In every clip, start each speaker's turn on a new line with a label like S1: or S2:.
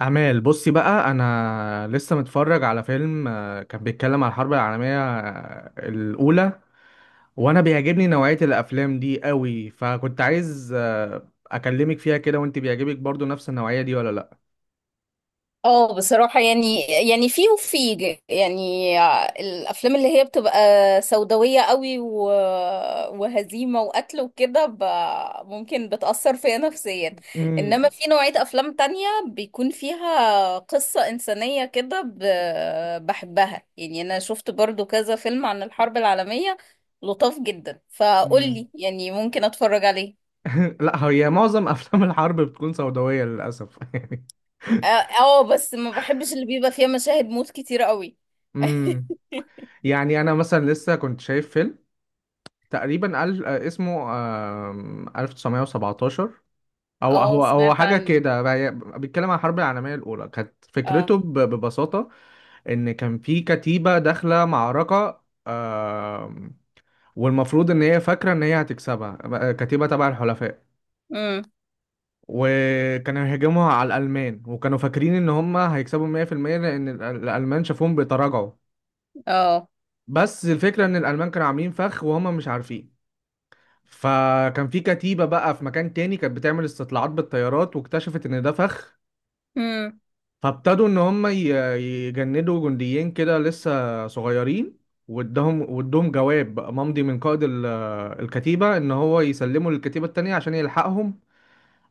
S1: أعمال بصي بقى أنا لسه متفرج على فيلم كان بيتكلم على الحرب العالمية الأولى، وأنا بيعجبني نوعية الأفلام دي قوي، فكنت عايز أكلمك فيها كده. وأنت بيعجبك برضو نفس النوعية دي ولا لأ؟
S2: اه، بصراحة يعني يعني الأفلام اللي هي بتبقى سوداوية قوي، وهزيمة وقتل وكده، ممكن بتأثر فيا نفسيا.
S1: مم.
S2: إنما في نوعية أفلام تانية بيكون فيها قصة إنسانية كده، بحبها. يعني أنا شفت برضو كذا فيلم عن الحرب العالمية لطاف جدا،
S1: مم.
S2: فقولي يعني ممكن أتفرج عليه.
S1: لأ، هي معظم أفلام الحرب بتكون سوداوية للأسف، يعني.
S2: اه، بس ما بحبش اللي بيبقى فيها مشاهد موت كتير قوي.
S1: مم. يعني أنا مثلا لسه كنت شايف فيلم تقريبا ألف اسمه 1917. هو
S2: اه،
S1: هو هو
S2: سمعت
S1: حاجة
S2: عنه.
S1: كده بيتكلم عن الحرب العالمية الأولى. كانت فكرته
S2: اه.
S1: ببساطة إن كان في كتيبة داخلة معركة، والمفروض إن هي فاكرة إن هي هتكسبها، كتيبة تبع الحلفاء.
S2: امم.
S1: وكانوا هيهاجموا على الألمان وكانوا فاكرين إن هم هيكسبوا 100%، لأن الألمان شافوهم بيتراجعوا.
S2: اه.
S1: بس الفكرة إن الألمان كانوا عاملين فخ وهم مش عارفين. فكان في كتيبة بقى في مكان تاني كانت بتعمل استطلاعات بالطيارات، واكتشفت إن ده فخ.
S2: امم.
S1: فابتدوا ان هم يجندوا جنديين كده لسه صغيرين، وادهم جواب بقى ممضي من قائد الكتيبة ان هو يسلموا للكتيبة التانية عشان يلحقهم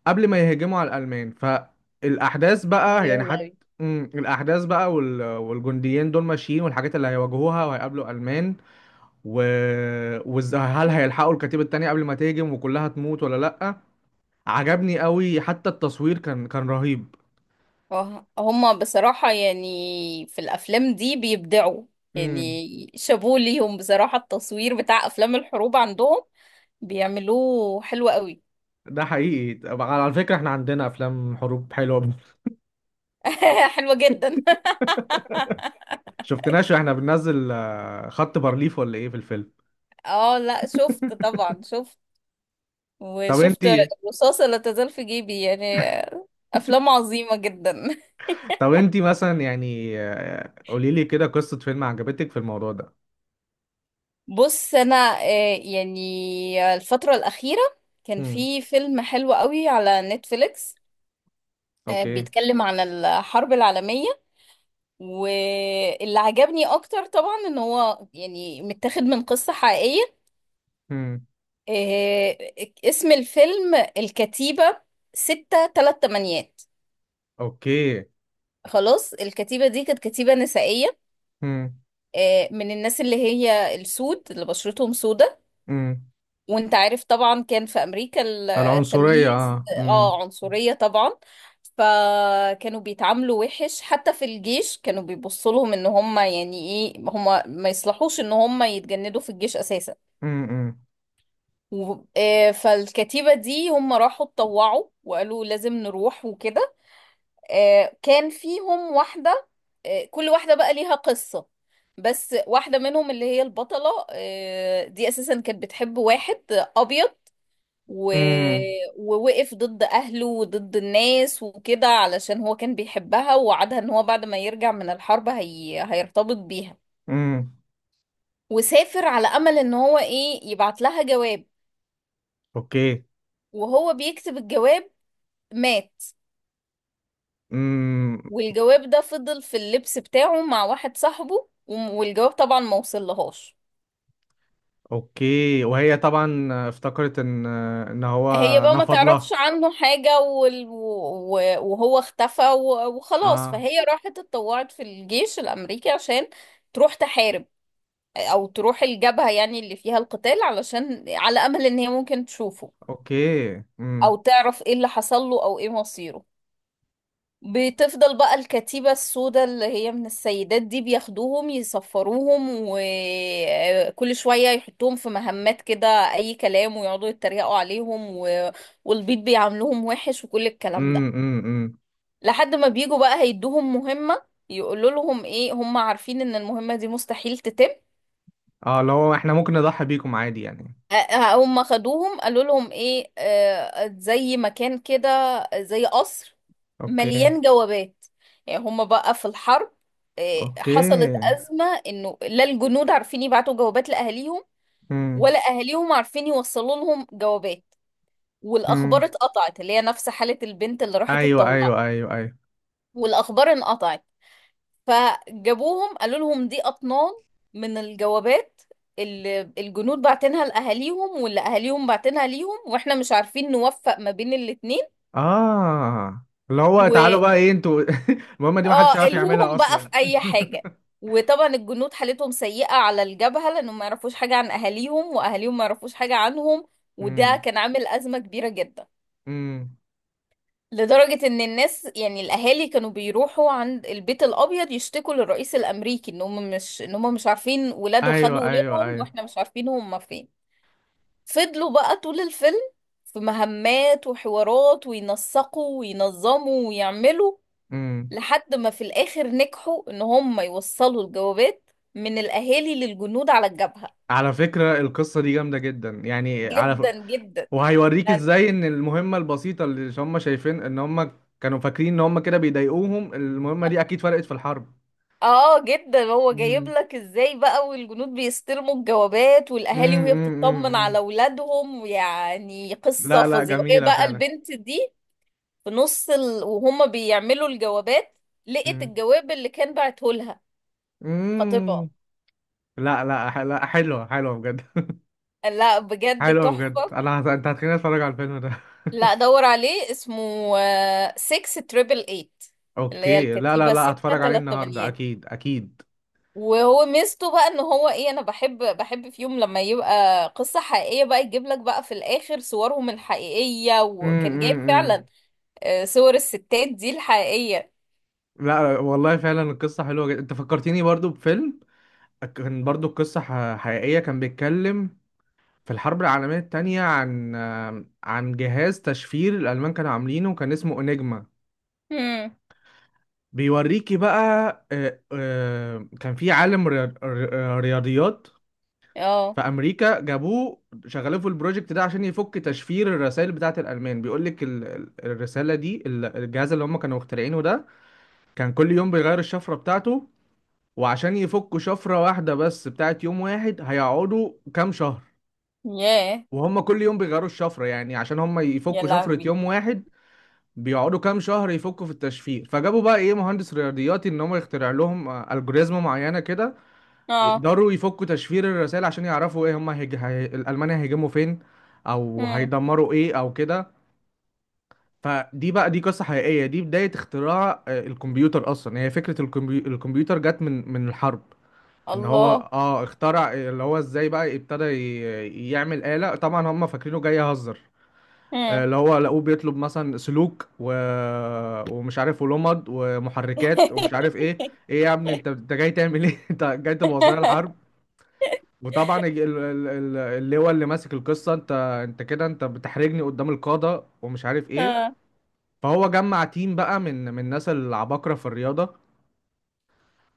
S1: قبل ما يهجموا على الألمان. فالأحداث بقى
S2: ايوه
S1: يعني حتى،
S2: لهوي.
S1: مم، الأحداث بقى والجنديين دول ماشيين، والحاجات اللي هيواجهوها وهيقابلوا ألمان و... وهل هيلحقوا الكتيبة التانية قبل ما تهجم وكلها تموت ولا لأ. عجبني قوي، حتى التصوير كان
S2: آه. هما بصراحة يعني في الأفلام دي بيبدعوا.
S1: رهيب.
S2: يعني شابوه ليهم، بصراحة التصوير بتاع أفلام الحروب عندهم بيعملوه حلو قوي.
S1: ده حقيقي. طب على فكرة احنا عندنا افلام حروب حلوة.
S2: حلوة جدا.
S1: شفتناش واحنا بننزل خط بارليف، ولا ايه في الفيلم؟
S2: اه، لا، شفت طبعا، شفت.
S1: طب
S2: وشفت
S1: انتي،
S2: الرصاصة لا تزال في جيبي، يعني أفلام عظيمة جدا.
S1: طب انتي مثلا يعني قولي لي كده قصة فيلم عجبتك في الموضوع ده.
S2: بص انا، يعني الفترة الأخيرة كان
S1: امم.
S2: في فيلم حلو قوي على نتفليكس.
S1: اوكي.
S2: بيتكلم عن الحرب العالمية، واللي عجبني اكتر طبعا ان هو يعني متاخد من قصة حقيقية.
S1: امم.
S2: آه، اسم الفيلم الكتيبة ستة تلات تمانيات.
S1: اوكي.
S2: خلاص، الكتيبة دي كانت كتيبة نسائية،
S1: امم.
S2: من الناس اللي هي السود اللي بشرتهم سودة.
S1: امم.
S2: وانت عارف طبعا كان في امريكا
S1: العنصرية،
S2: التمييز.
S1: اه. امم.
S2: اه، عنصرية طبعا. فكانوا بيتعاملوا وحش، حتى في الجيش كانوا بيبصوا لهم ان هم يعني ايه هم ما يصلحوش ان هم يتجندوا في الجيش اساسا.
S1: امم.
S2: فالكتيبة دي هم راحوا اتطوعوا وقالوا لازم نروح وكده. كان فيهم واحدة، كل واحدة بقى ليها قصة. بس واحدة منهم اللي هي البطلة دي أساسا كانت بتحب واحد أبيض و...
S1: امم.
S2: ووقف ضد أهله وضد الناس وكده علشان هو كان بيحبها، ووعدها ان هو بعد ما يرجع من الحرب، هيرتبط بيها.
S1: امم.
S2: وسافر على أمل ان هو ايه يبعت لها جواب.
S1: اوكي.
S2: وهو بيكتب الجواب، مات.
S1: امم.
S2: والجواب ده فضل في اللبس بتاعه مع واحد صاحبه، والجواب طبعا ما وصلهاش.
S1: اوكي، وهي طبعا افتكرت ان ان هو
S2: هي بقى ما
S1: نفض
S2: تعرفش
S1: لها.
S2: عنه حاجة، وهو اختفى، وخلاص،
S1: اه.
S2: فهي راحت اتطوعت في الجيش الأمريكي عشان تروح تحارب، او تروح الجبهة يعني اللي فيها القتال، علشان على امل ان هي ممكن تشوفه
S1: اوكي.
S2: او تعرف ايه اللي حصل له او ايه مصيره. بتفضل بقى الكتيبة السوداء اللي هي من السيدات دي بياخدوهم يصفروهم، وكل شوية يحطوهم في مهمات كده أي كلام، ويقعدوا يتريقوا عليهم، والبيض بيعاملوهم وحش وكل الكلام
S1: امم.
S2: ده.
S1: امم. امم.
S2: لحد ما بيجوا بقى هيدوهم مهمة، يقولوا لهم ايه هم عارفين ان المهمة دي مستحيل تتم.
S1: اه، لو احنا ممكن نضحي بيكم عادي يعني.
S2: هم خدوهم قالوا لهم ايه، زي مكان كده، زي قصر
S1: اوكي.
S2: مليان جوابات. يعني هم بقى في الحرب، حصلت
S1: اوكي.
S2: أزمة انه لا الجنود عارفين يبعتوا جوابات لأهاليهم،
S1: امم.
S2: ولا أهاليهم عارفين يوصلوا لهم جوابات. والأخبار
S1: امم.
S2: اتقطعت، اللي هي نفس حالة البنت اللي راحت
S1: ايوه،
S2: اتطوعت،
S1: ايوه، ايوه، ايوه.
S2: والأخبار انقطعت. فجابوهم قالوا لهم دي أطنان من الجوابات اللي الجنود بعتنها لأهاليهم واللي أهاليهم بعتنها ليهم، واحنا مش عارفين نوفق ما بين الاتنين.
S1: اه، اللي هو
S2: و
S1: تعالوا بقى ايه انتوا. المهمة دي ما حدش
S2: اه
S1: عارف يعملها
S2: الهوهم بقى في
S1: اصلا.
S2: أي حاجة. وطبعا الجنود حالتهم سيئة على الجبهة لأنهم ما يعرفوش حاجة عن أهاليهم، وأهاليهم ما يعرفوش حاجة عنهم. وده
S1: امم.
S2: كان عامل أزمة كبيرة جدا،
S1: امم.
S2: لدرجة ان الناس يعني الاهالي كانوا بيروحوا عند البيت الابيض يشتكوا للرئيس الامريكي ان هم مش عارفين ولاده
S1: ايوه،
S2: خدوا
S1: ايوه،
S2: ولادهم،
S1: ايوه.
S2: واحنا مش عارفين هم فين. فضلوا بقى طول الفيلم في مهمات وحوارات وينسقوا وينظموا ويعملوا،
S1: امم.
S2: لحد ما في الاخر نجحوا ان هم يوصلوا الجوابات من الاهالي للجنود على الجبهة.
S1: على فكرة القصة دي جامدة جدا يعني على ف...
S2: جدا جدا.
S1: وهيوريك ازاي ان المهمة البسيطة اللي هم شايفين ان هم، كانوا فاكرين ان هم كده بيضايقوهم، المهمة دي اكيد فرقت في
S2: اه، جدا. هو جايب
S1: الحرب.
S2: لك ازاي بقى، والجنود بيستلموا الجوابات
S1: مم.
S2: والاهالي وهي
S1: مم. مم.
S2: بتطمن
S1: مم.
S2: على اولادهم، يعني قصه
S1: لا لا،
S2: فظيعه. وهي
S1: جميلة
S2: بقى
S1: فعلا.
S2: البنت دي في، وهم بيعملوا الجوابات لقت
S1: مم.
S2: الجواب اللي كان بعته لها خطيبها.
S1: مم. لا لا، لا، حلوة، حلوة بجد.
S2: لا، بجد
S1: حلوة بجد،
S2: تحفه.
S1: انت هتخليني اتفرج على الفيلم ده.
S2: لا، دور عليه، اسمه 6 تريبل 8، اللي هي
S1: اوكي، لا لا
S2: الكتيبه
S1: لا،
S2: 6
S1: هتفرج عليه
S2: 3.
S1: النهاردة اكيد اكيد.
S2: وهو ميزته بقى ان هو ايه، انا بحب في يوم لما يبقى قصة حقيقية بقى يجيب لك بقى في الاخر صورهم الحقيقية،
S1: مم.
S2: وكان
S1: مم.
S2: جايب فعلا
S1: مم.
S2: صور الستات دي الحقيقية.
S1: لا والله، فعلا القصة حلوة جدا. انت فكرتيني برضو بفيلم كان برضو القصة حقيقية، كان بيتكلم في الحرب العالمية التانية عن، عن جهاز تشفير الألمان كانوا عاملينه، كان اسمه انيجما.
S2: هم.
S1: بيوريكي بقى كان في عالم رياضيات
S2: اه.
S1: في امريكا. جابوه شغلوه في البروجكت ده عشان يفك تشفير الرسائل بتاعه الالمان. بيقول لك الرساله دي، الجهاز اللي هم كانوا مخترعينه ده كان كل يوم بيغير الشفره بتاعته. وعشان يفكوا شفره واحده بس بتاعه يوم واحد هيقعدوا كام شهر،
S2: ياه.
S1: وهم كل يوم بيغيروا الشفره. يعني عشان هم
S2: يا
S1: يفكوا شفره
S2: لهوي.
S1: يوم واحد بيقعدوا كام شهر يفكوا في التشفير. فجابوا بقى ايه مهندس رياضياتي ان هم يخترع لهم الجوريزم معينه كده
S2: اه.
S1: يقدروا يفكوا تشفير الرسائل عشان يعرفوا ايه هم الالمان هيهاجموا فين او
S2: هم.
S1: هيدمروا ايه او كده. فدي بقى، دي قصه حقيقيه، دي بدايه اختراع الكمبيوتر اصلا. يعني هي فكره الكمبيوتر جت من الحرب. ان هو
S2: الله.
S1: اه اخترع، اللي هو ازاي بقى ابتدى ي... يعمل آلة. طبعا هم فاكرينه جاي يهزر،
S2: هم.
S1: اللي هو لقوه بيطلب مثلا سلوك و... ومش عارف ولمض ومحركات ومش عارف ايه. ايه يا ابني، انت جاي تعمل ايه؟ انت جاي تبوظ لنا الحرب. وطبعا اللي هو اللي ماسك القصه، انت كده، انت بتحرجني قدام القاده ومش عارف ايه.
S2: اه.
S1: فهو جمع تيم بقى من الناس العباقره في الرياضه.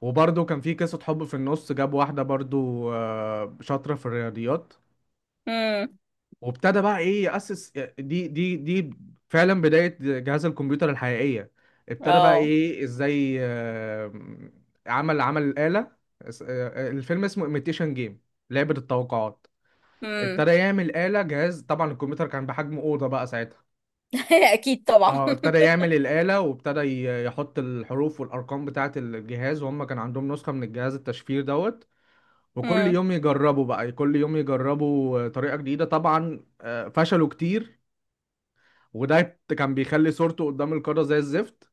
S1: وبرضه كان في قصه حب في النص، جاب واحده برضه شاطره في الرياضيات.
S2: هم.
S1: وابتدى بقى ايه يأسس دي فعلا بداية جهاز الكمبيوتر الحقيقية. ابتدى بقى
S2: اه.
S1: ايه ازاي عمل الآلة. الفيلم اسمه ايميتيشن جيم، لعبة التوقعات.
S2: هم.
S1: ابتدى يعمل آلة جهاز، طبعا الكمبيوتر كان بحجم أوضة بقى ساعتها.
S2: اكيد طبعا.
S1: اه ابتدى يعمل الآلة، وابتدى يحط الحروف والأرقام بتاعة الجهاز، وهم كان عندهم نسخة من الجهاز التشفير دوت. وكل
S2: هم.
S1: يوم يجربوا بقى، كل يوم يجربوا طريقة جديدة. طبعا فشلوا كتير، وده كان بيخلي صورته قدام القارة زي الزفت.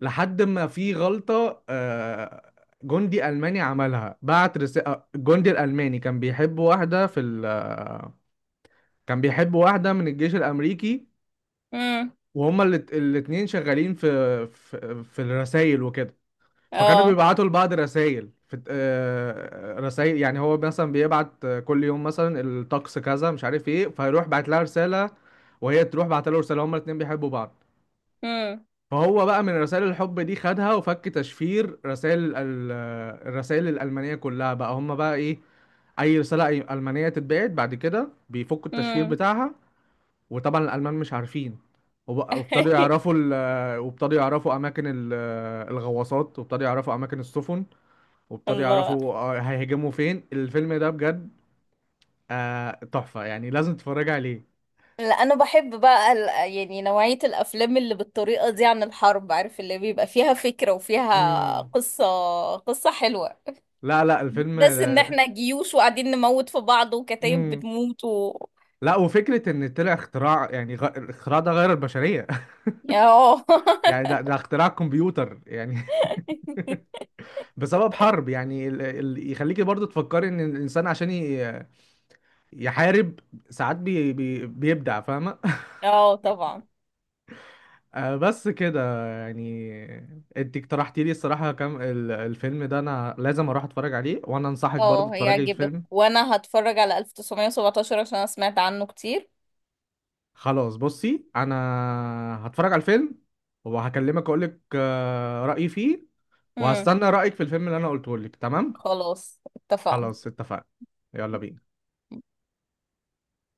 S1: لحد ما في غلطة جندي ألماني عملها، بعت رسالة. الجندي الألماني كان بيحب واحدة في ال آه، كان بيحب واحدة من الجيش الأمريكي.
S2: هم.
S1: وهما الاتنين شغالين في في الرسايل وكده. فكانوا
S2: اه.
S1: بيبعتوا لبعض رسايل في، رسائل. يعني هو مثلا بيبعت كل يوم مثلا الطقس كذا مش عارف ايه، فيروح بعت لها رسالة، وهي تروح بعت له رسالة، هما الاتنين بيحبوا بعض.
S2: هم.
S1: فهو بقى من رسائل الحب دي خدها وفك تشفير رسائل الرسائل الألمانية كلها. بقى هم بقى ايه، أي رسالة ألمانية تتبعت بعد كده بيفكوا التشفير
S2: هم.
S1: بتاعها، وطبعا الألمان مش عارفين. وابتدوا يعرفوا أماكن الغواصات، وابتدوا يعرفوا أماكن السفن، وابتدوا
S2: الله.
S1: يعرفوا هيهاجموا فين. الفيلم ده بجد تحفة، يعني لازم تتفرج عليه.
S2: لا، انا بحب بقى يعني نوعية الافلام اللي بالطريقة دي عن الحرب، عارف اللي بيبقى فيها فكرة وفيها
S1: مم.
S2: قصة، قصة حلوة.
S1: لا لا،
S2: مش
S1: الفيلم
S2: بس ان
S1: ده.
S2: احنا جيوش وقاعدين نموت في بعض وكتايب
S1: مم.
S2: بتموت و
S1: لا، وفكرة إن طلع اختراع يعني الاختراع ده غير البشرية.
S2: اه.
S1: يعني ده اختراع كمبيوتر يعني. بسبب حرب. يعني يخليكي برضو تفكري إن الإنسان عشان يحارب ساعات بيبدع، فاهمة؟
S2: اه، طبعا.
S1: بس كده يعني. أنت اقترحتي لي الصراحة كم الفيلم ده أنا لازم أروح أتفرج عليه، وأنا أنصحك برضو
S2: اه،
S1: تتفرجي على
S2: هيعجبك،
S1: الفيلم.
S2: وانا هتفرج على 1917 عشان انا سمعت عنه كتير.
S1: خلاص، بصي أنا هتفرج على الفيلم، وهكلمك أقولك رأيي فيه،
S2: امم.
S1: وهستنى رأيك في الفيلم اللي انا قلته لك. تمام.
S2: خلاص، اتفقنا.
S1: خلاص اتفقنا. يلا بينا.